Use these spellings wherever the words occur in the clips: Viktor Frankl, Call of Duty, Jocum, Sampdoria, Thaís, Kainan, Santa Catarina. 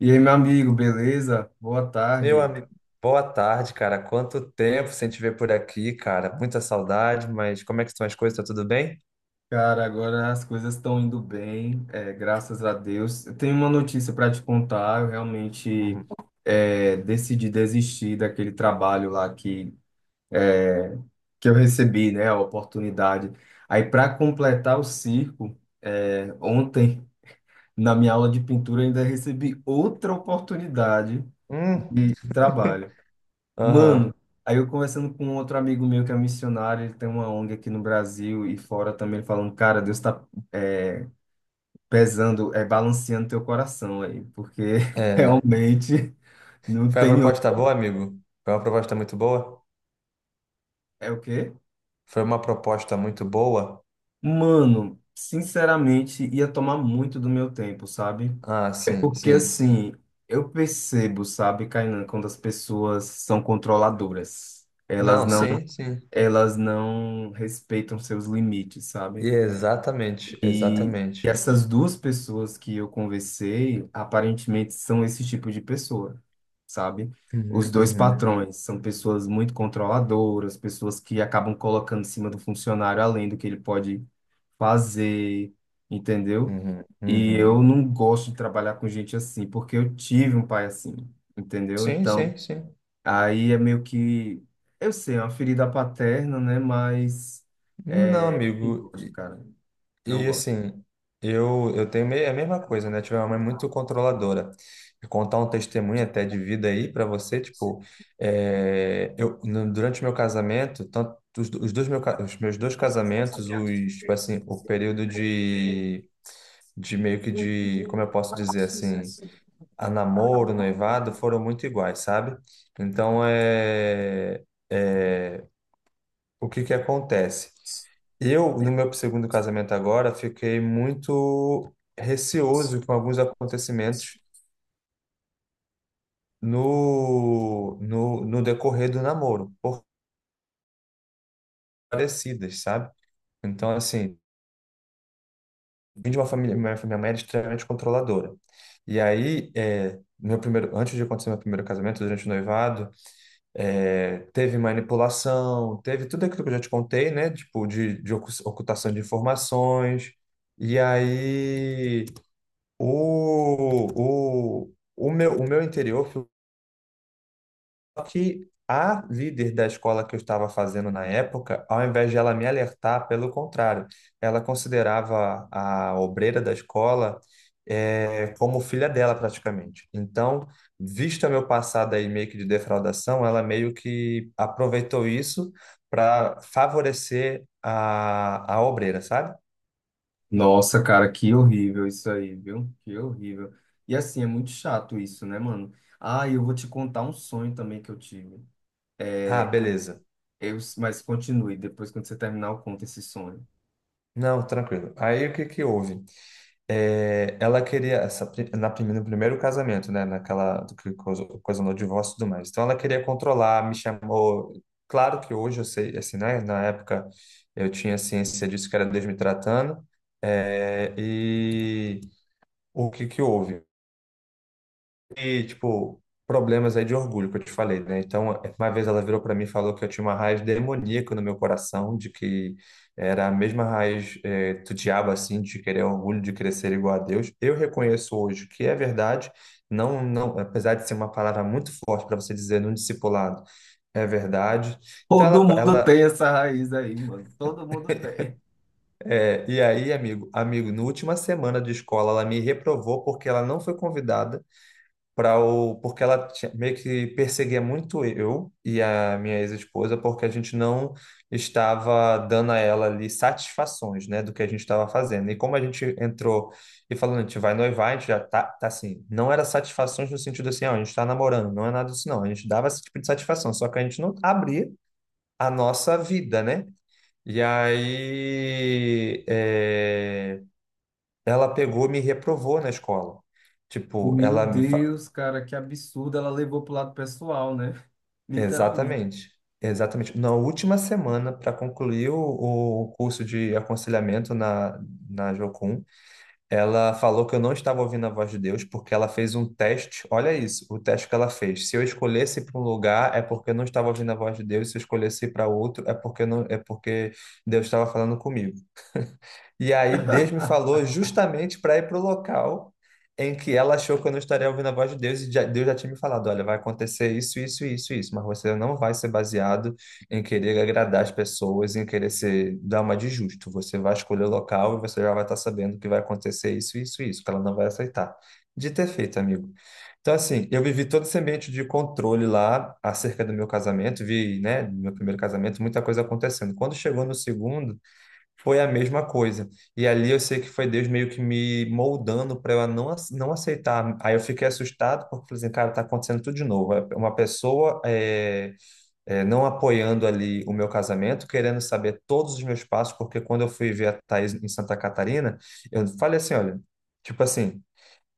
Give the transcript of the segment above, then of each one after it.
E aí, meu amigo, beleza? Boa Meu, tarde. Boa tarde, cara. Quanto tempo sem te ver por aqui, cara. Muita saudade, mas como é que estão as coisas? Tá tudo bem? Cara, agora as coisas estão indo bem, graças a Deus. Eu tenho uma notícia para te contar. Eu realmente Uhum. Decidi desistir daquele trabalho lá que eu recebi, né? A oportunidade. Aí, para completar o circo, ontem, na minha aula de pintura, eu ainda recebi outra oportunidade Hum, de trabalho. aham. Mano, aí eu conversando com um outro amigo meu que é missionário, ele tem uma ONG aqui no Brasil e fora também, ele falando, cara, Deus tá é, pesando, é balanceando teu coração aí, porque É. realmente não Foi uma tem outro. proposta boa, amigo? Foi uma proposta muito boa? É o quê? Foi uma proposta muito boa? Mano, sinceramente, ia tomar muito do meu tempo, sabe? Ah, É sim, porque sim. assim, eu percebo, sabe, Kainan, quando as pessoas são controladoras. Não, sim, sim. Elas não respeitam seus limites, E sabe? exatamente, E exatamente. essas duas pessoas que eu conversei, aparentemente são esse tipo de pessoa, sabe? Os Uhum, dois uhum, patrões são pessoas muito controladoras, pessoas que acabam colocando em cima do funcionário além do que ele pode fazer, entendeu? uhum, E uhum. eu não gosto de trabalhar com gente assim, porque eu tive um pai assim, entendeu? Sim, Então, sim, sim. aí é meio que, eu sei, é uma ferida paterna, né? Mas Não, é, eu não amigo. gosto, cara, não E gosto. assim, eu é a mesma coisa, né? Tive uma mãe é muito controladora. Vou contar um testemunho até de vida aí para você, tipo, é, eu, no- durante o meu casamento, tanto os dois os meus dois casamentos, Casamento, os, tipo assim, o assim, período é, é, de meio que de, como eu posso dizer assim, a namoro, noivado, foram muito iguais, sabe? Então, é, o que que acontece? Eu, no meu segundo casamento agora, fiquei muito receoso com alguns acontecimentos no decorrer do namoro, por parecidas, sabe? Então, assim, vim de uma família, minha mãe era extremamente controladora. E aí, é, meu primeiro, antes de acontecer meu primeiro casamento, durante o noivado, é, teve manipulação, teve tudo aquilo que eu já te contei, né? Tipo, de ocultação de informações. E aí. O meu interior foi que a líder da escola que eu estava fazendo na época, ao invés de ela me alertar, pelo contrário, ela considerava a obreira da escola como filha dela praticamente. Então, vista meu passado aí meio que de defraudação, ela meio que aproveitou isso para favorecer a obreira, sabe? nossa, cara, que horrível isso aí, viu? Que horrível. E assim, é muito chato isso, né, mano? Ah, eu vou te contar um sonho também que eu tive. Ah, É, beleza. eu, mas continue, depois quando você terminar, eu conto esse sonho. Não, tranquilo. Aí o que que houve? É, ela queria, essa, pri- na, prime- no primeiro casamento, né? Naquela ocasionou o divórcio e tudo mais. Então ela queria controlar, me chamou. Claro que hoje eu sei, assim, né? Na época eu tinha ciência disso que era Deus me tratando. É, e o que que houve? E, tipo, problemas aí de orgulho que eu te falei, né? Então, uma vez ela virou para mim e falou que eu tinha uma raiz demoníaca no meu coração, de que era a mesma raiz do diabo, assim, de querer orgulho, de querer ser igual a Deus. Eu reconheço hoje que é verdade, não, não, apesar de ser uma palavra muito forte para você dizer num discipulado, é verdade. Então, Todo mundo tem essa raiz aí, mano. Todo mundo tem. E aí, amigo, amigo, na última semana de escola, ela me reprovou porque ela não foi convidada para o porque ela tinha- meio que perseguia muito eu e a minha ex-esposa porque a gente não estava dando a ela ali satisfações, né, do que a gente estava fazendo. E como a gente entrou e falando, a gente vai noivar, a gente já tá, tá assim, não era satisfações no sentido assim, ó, a gente está namorando, não é nada disso não. A gente dava esse tipo de satisfação, só que a gente não abria a nossa vida, né? E aí, é, ela pegou, e me reprovou na escola. Tipo, Meu Deus, cara, que absurdo. Ela levou pro lado pessoal, né? Literalmente. Exatamente, exatamente. Na última semana, para concluir o curso de aconselhamento na Jocum, ela falou que eu não estava ouvindo a voz de Deus porque ela fez um teste. Olha isso, o teste que ela fez. Se eu escolhesse para um lugar, é porque eu não estava ouvindo a voz de Deus. Se eu escolhesse para outro, é porque eu não, é porque Deus estava falando comigo. E aí Deus me falou justamente para ir para o local em que ela achou que eu não estaria ouvindo a voz de Deus e Deus já tinha me falado, olha, vai acontecer isso, isso, isso, isso, mas você não vai ser baseado em querer agradar as pessoas, em querer ser dar uma de justo. Você vai escolher o local e você já vai estar sabendo que vai acontecer isso, isso, isso, que ela não vai aceitar. De ter feito, amigo. Então, assim, eu vivi todo esse ambiente de controle lá acerca do meu casamento, vi, né, do meu primeiro casamento, muita coisa acontecendo. Quando chegou no segundo, foi a mesma coisa. E ali eu sei que foi Deus meio que me moldando para eu não, ace- não aceitar. Aí eu fiquei assustado porque falei assim, cara, tá acontecendo tudo de novo. É, uma pessoa não apoiando ali o meu casamento, querendo saber todos os meus passos, porque quando eu fui ver a Thaís em Santa Catarina, eu falei assim, olha, tipo assim.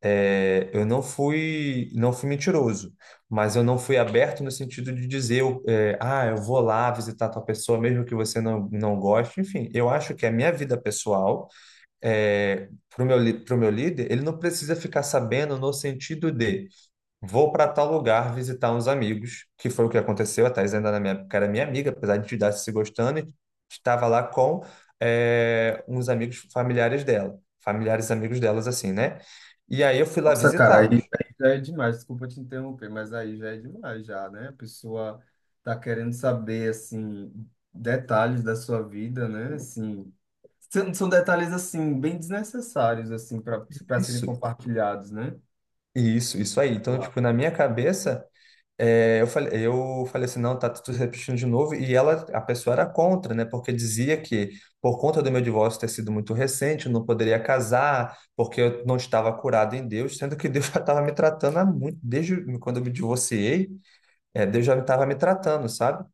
É, eu não fui, não fui mentiroso, mas eu não fui aberto no sentido de dizer, eu vou lá visitar tal pessoa, mesmo que você não goste. Enfim, eu acho que a minha vida pessoal, é, para o pro meu líder, ele não precisa ficar sabendo no sentido de. Vou para tal lugar visitar uns amigos, que foi o que aconteceu. A Thais ainda na minha época era minha amiga, apesar de a gente estar se gostando, e estava lá com uns amigos familiares dela, familiares amigos delas, assim, né? E aí eu fui lá Nossa, cara, visitá-los. aí já é demais. Desculpa te interromper, mas aí já é demais, já, né? A pessoa tá querendo saber, assim, detalhes da sua vida, né? Assim, são detalhes, assim, bem desnecessários, assim, para serem Isso, compartilhados, né? isso aí. Então, tipo, na minha cabeça. É, eu falei assim, não, tá tudo repetindo de novo. E ela, a pessoa era contra, né? Porque dizia que, por conta do meu divórcio ter sido muito recente, eu não poderia casar, porque eu não estava curado em Deus, sendo que Deus já estava me tratando há muito, desde quando eu me divorciei, é, Deus já estava me tratando, sabe?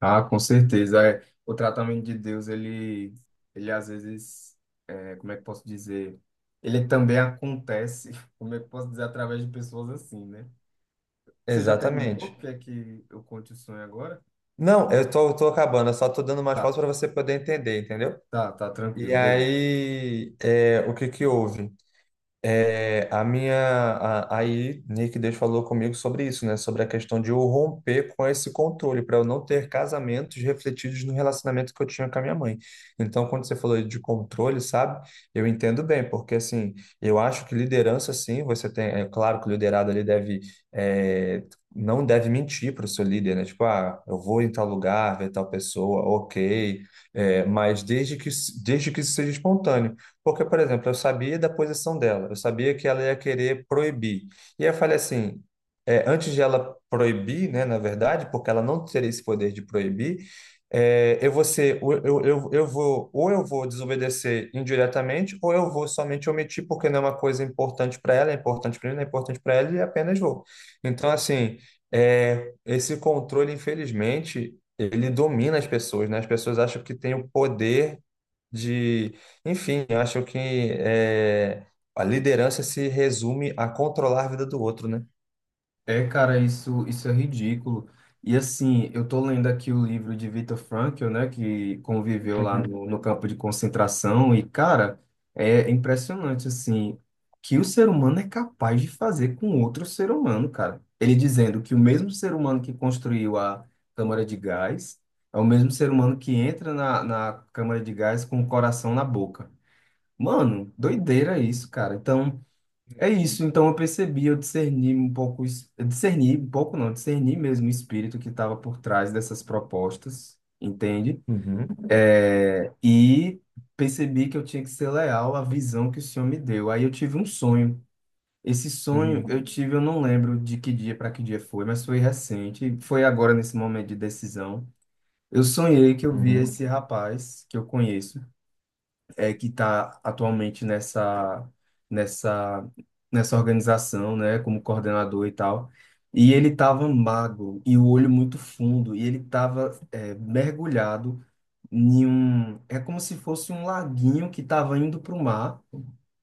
Ah, com certeza. O tratamento de Deus, ele às vezes, como é que posso dizer? Ele também acontece, como é que posso dizer, através de pessoas assim, né? Você já terminou? Exatamente. Quer que eu conte o sonho agora? Não, eu tô acabando, eu só tô dando mais pausas para você poder entender, entendeu? Tá, tá E tranquilo, beleza. aí, é, o que que houve? É, aí Nick Deus falou comigo sobre isso, né? Sobre a questão de eu romper com esse controle, para eu não ter casamentos refletidos no relacionamento que eu tinha com a minha mãe. Então, quando você falou de controle, sabe? Eu entendo bem, porque assim, eu acho que liderança, sim, você tem, é claro que o liderado ali deve, é, não deve mentir para o seu líder, né? Tipo, ah, eu vou em tal lugar, ver tal pessoa, ok. É, desde que isso seja espontâneo. Porque, por exemplo, eu sabia da posição dela, eu sabia que ela ia querer proibir. E aí eu falei assim, é, antes de ela proibir, né, na verdade, porque ela não teria esse poder de proibir, é, eu vou, ou eu vou desobedecer indiretamente, ou eu vou somente omitir porque não é uma coisa importante para ela, é importante para mim, não é importante para ela, e apenas vou. Então, assim, é, esse controle, infelizmente, ele domina as pessoas, né? As pessoas acham que tem o poder de, enfim, eu acho que é, a liderança se resume a controlar a vida do outro, né? É, cara, isso é ridículo. E assim, eu tô lendo aqui o livro de Viktor Frankl, né, que conviveu lá Uhum, no campo de concentração, e, cara, é impressionante, assim, que o ser humano é capaz de fazer com outro ser humano, cara. Ele dizendo que o mesmo ser humano que construiu a câmara de gás é o mesmo ser humano que entra na câmara de gás com o coração na boca. Mano, doideira isso, cara. Então. É isso, então eu percebi, eu discerni um pouco, eu discerni um pouco não, discerni mesmo o espírito que estava por trás dessas propostas, entende? uhum, E percebi que eu tinha que ser leal à visão que o Senhor me deu. Aí eu tive um sonho. Esse sonho uhum, eu tive, eu não lembro de que dia para que dia foi, mas foi recente, foi agora nesse momento de decisão. Eu sonhei que eu via uhum, esse rapaz que eu conheço que está atualmente nessa, nessa organização, né, como coordenador e tal. E ele estava magro e o olho muito fundo, e ele estava mergulhado em um. É como se fosse um laguinho que estava indo para o mar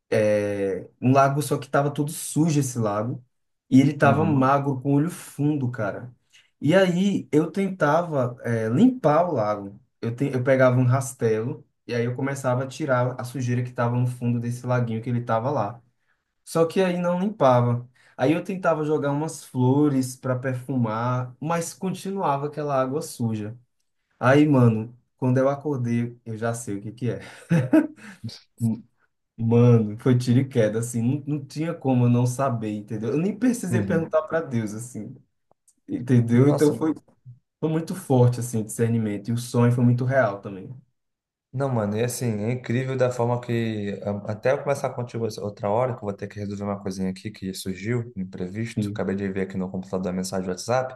um lago, só que tava todo sujo esse lago. E ele tava uhum. magro, com o olho fundo, cara. E aí eu tentava, é, limpar o lago. Eu pegava um rastelo e aí eu começava a tirar a sujeira que tava no fundo desse laguinho que ele tava lá. Só que aí não limpava. Aí eu tentava jogar umas flores para perfumar, mas continuava aquela água suja. Aí, mano, quando eu acordei, eu já sei o que que é. Mano, foi tiro e queda, assim, não tinha como eu não saber, entendeu? Eu nem precisei Uhum. perguntar para Deus, assim, entendeu? Então Nossa, foi muito forte, assim, o discernimento, e o sonho foi muito real também. não, mano, e assim, é incrível da forma que, até eu começar contigo essa outra hora, que eu vou ter que resolver uma coisinha aqui que surgiu, imprevisto, Sim. acabei de ver aqui no computador a mensagem do WhatsApp.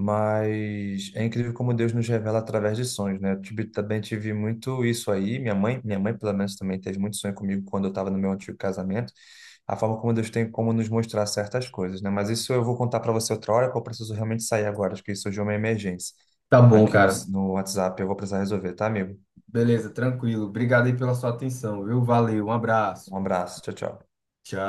Mas é incrível como Deus nos revela através de sonhos, né? Também tive muito isso aí. Minha mãe pelo menos também teve muito sonho comigo quando eu estava no meu antigo casamento. A forma como Deus tem como nos mostrar certas coisas, né? Mas isso eu vou contar para você outra hora, porque eu preciso realmente sair agora. Acho que surgiu uma emergência Tá bom, aqui cara. no WhatsApp. Eu vou precisar resolver, tá, amigo? Beleza, tranquilo. Obrigado aí pela sua atenção, viu? Valeu, um abraço. Um abraço. Tchau, tchau. Tchau.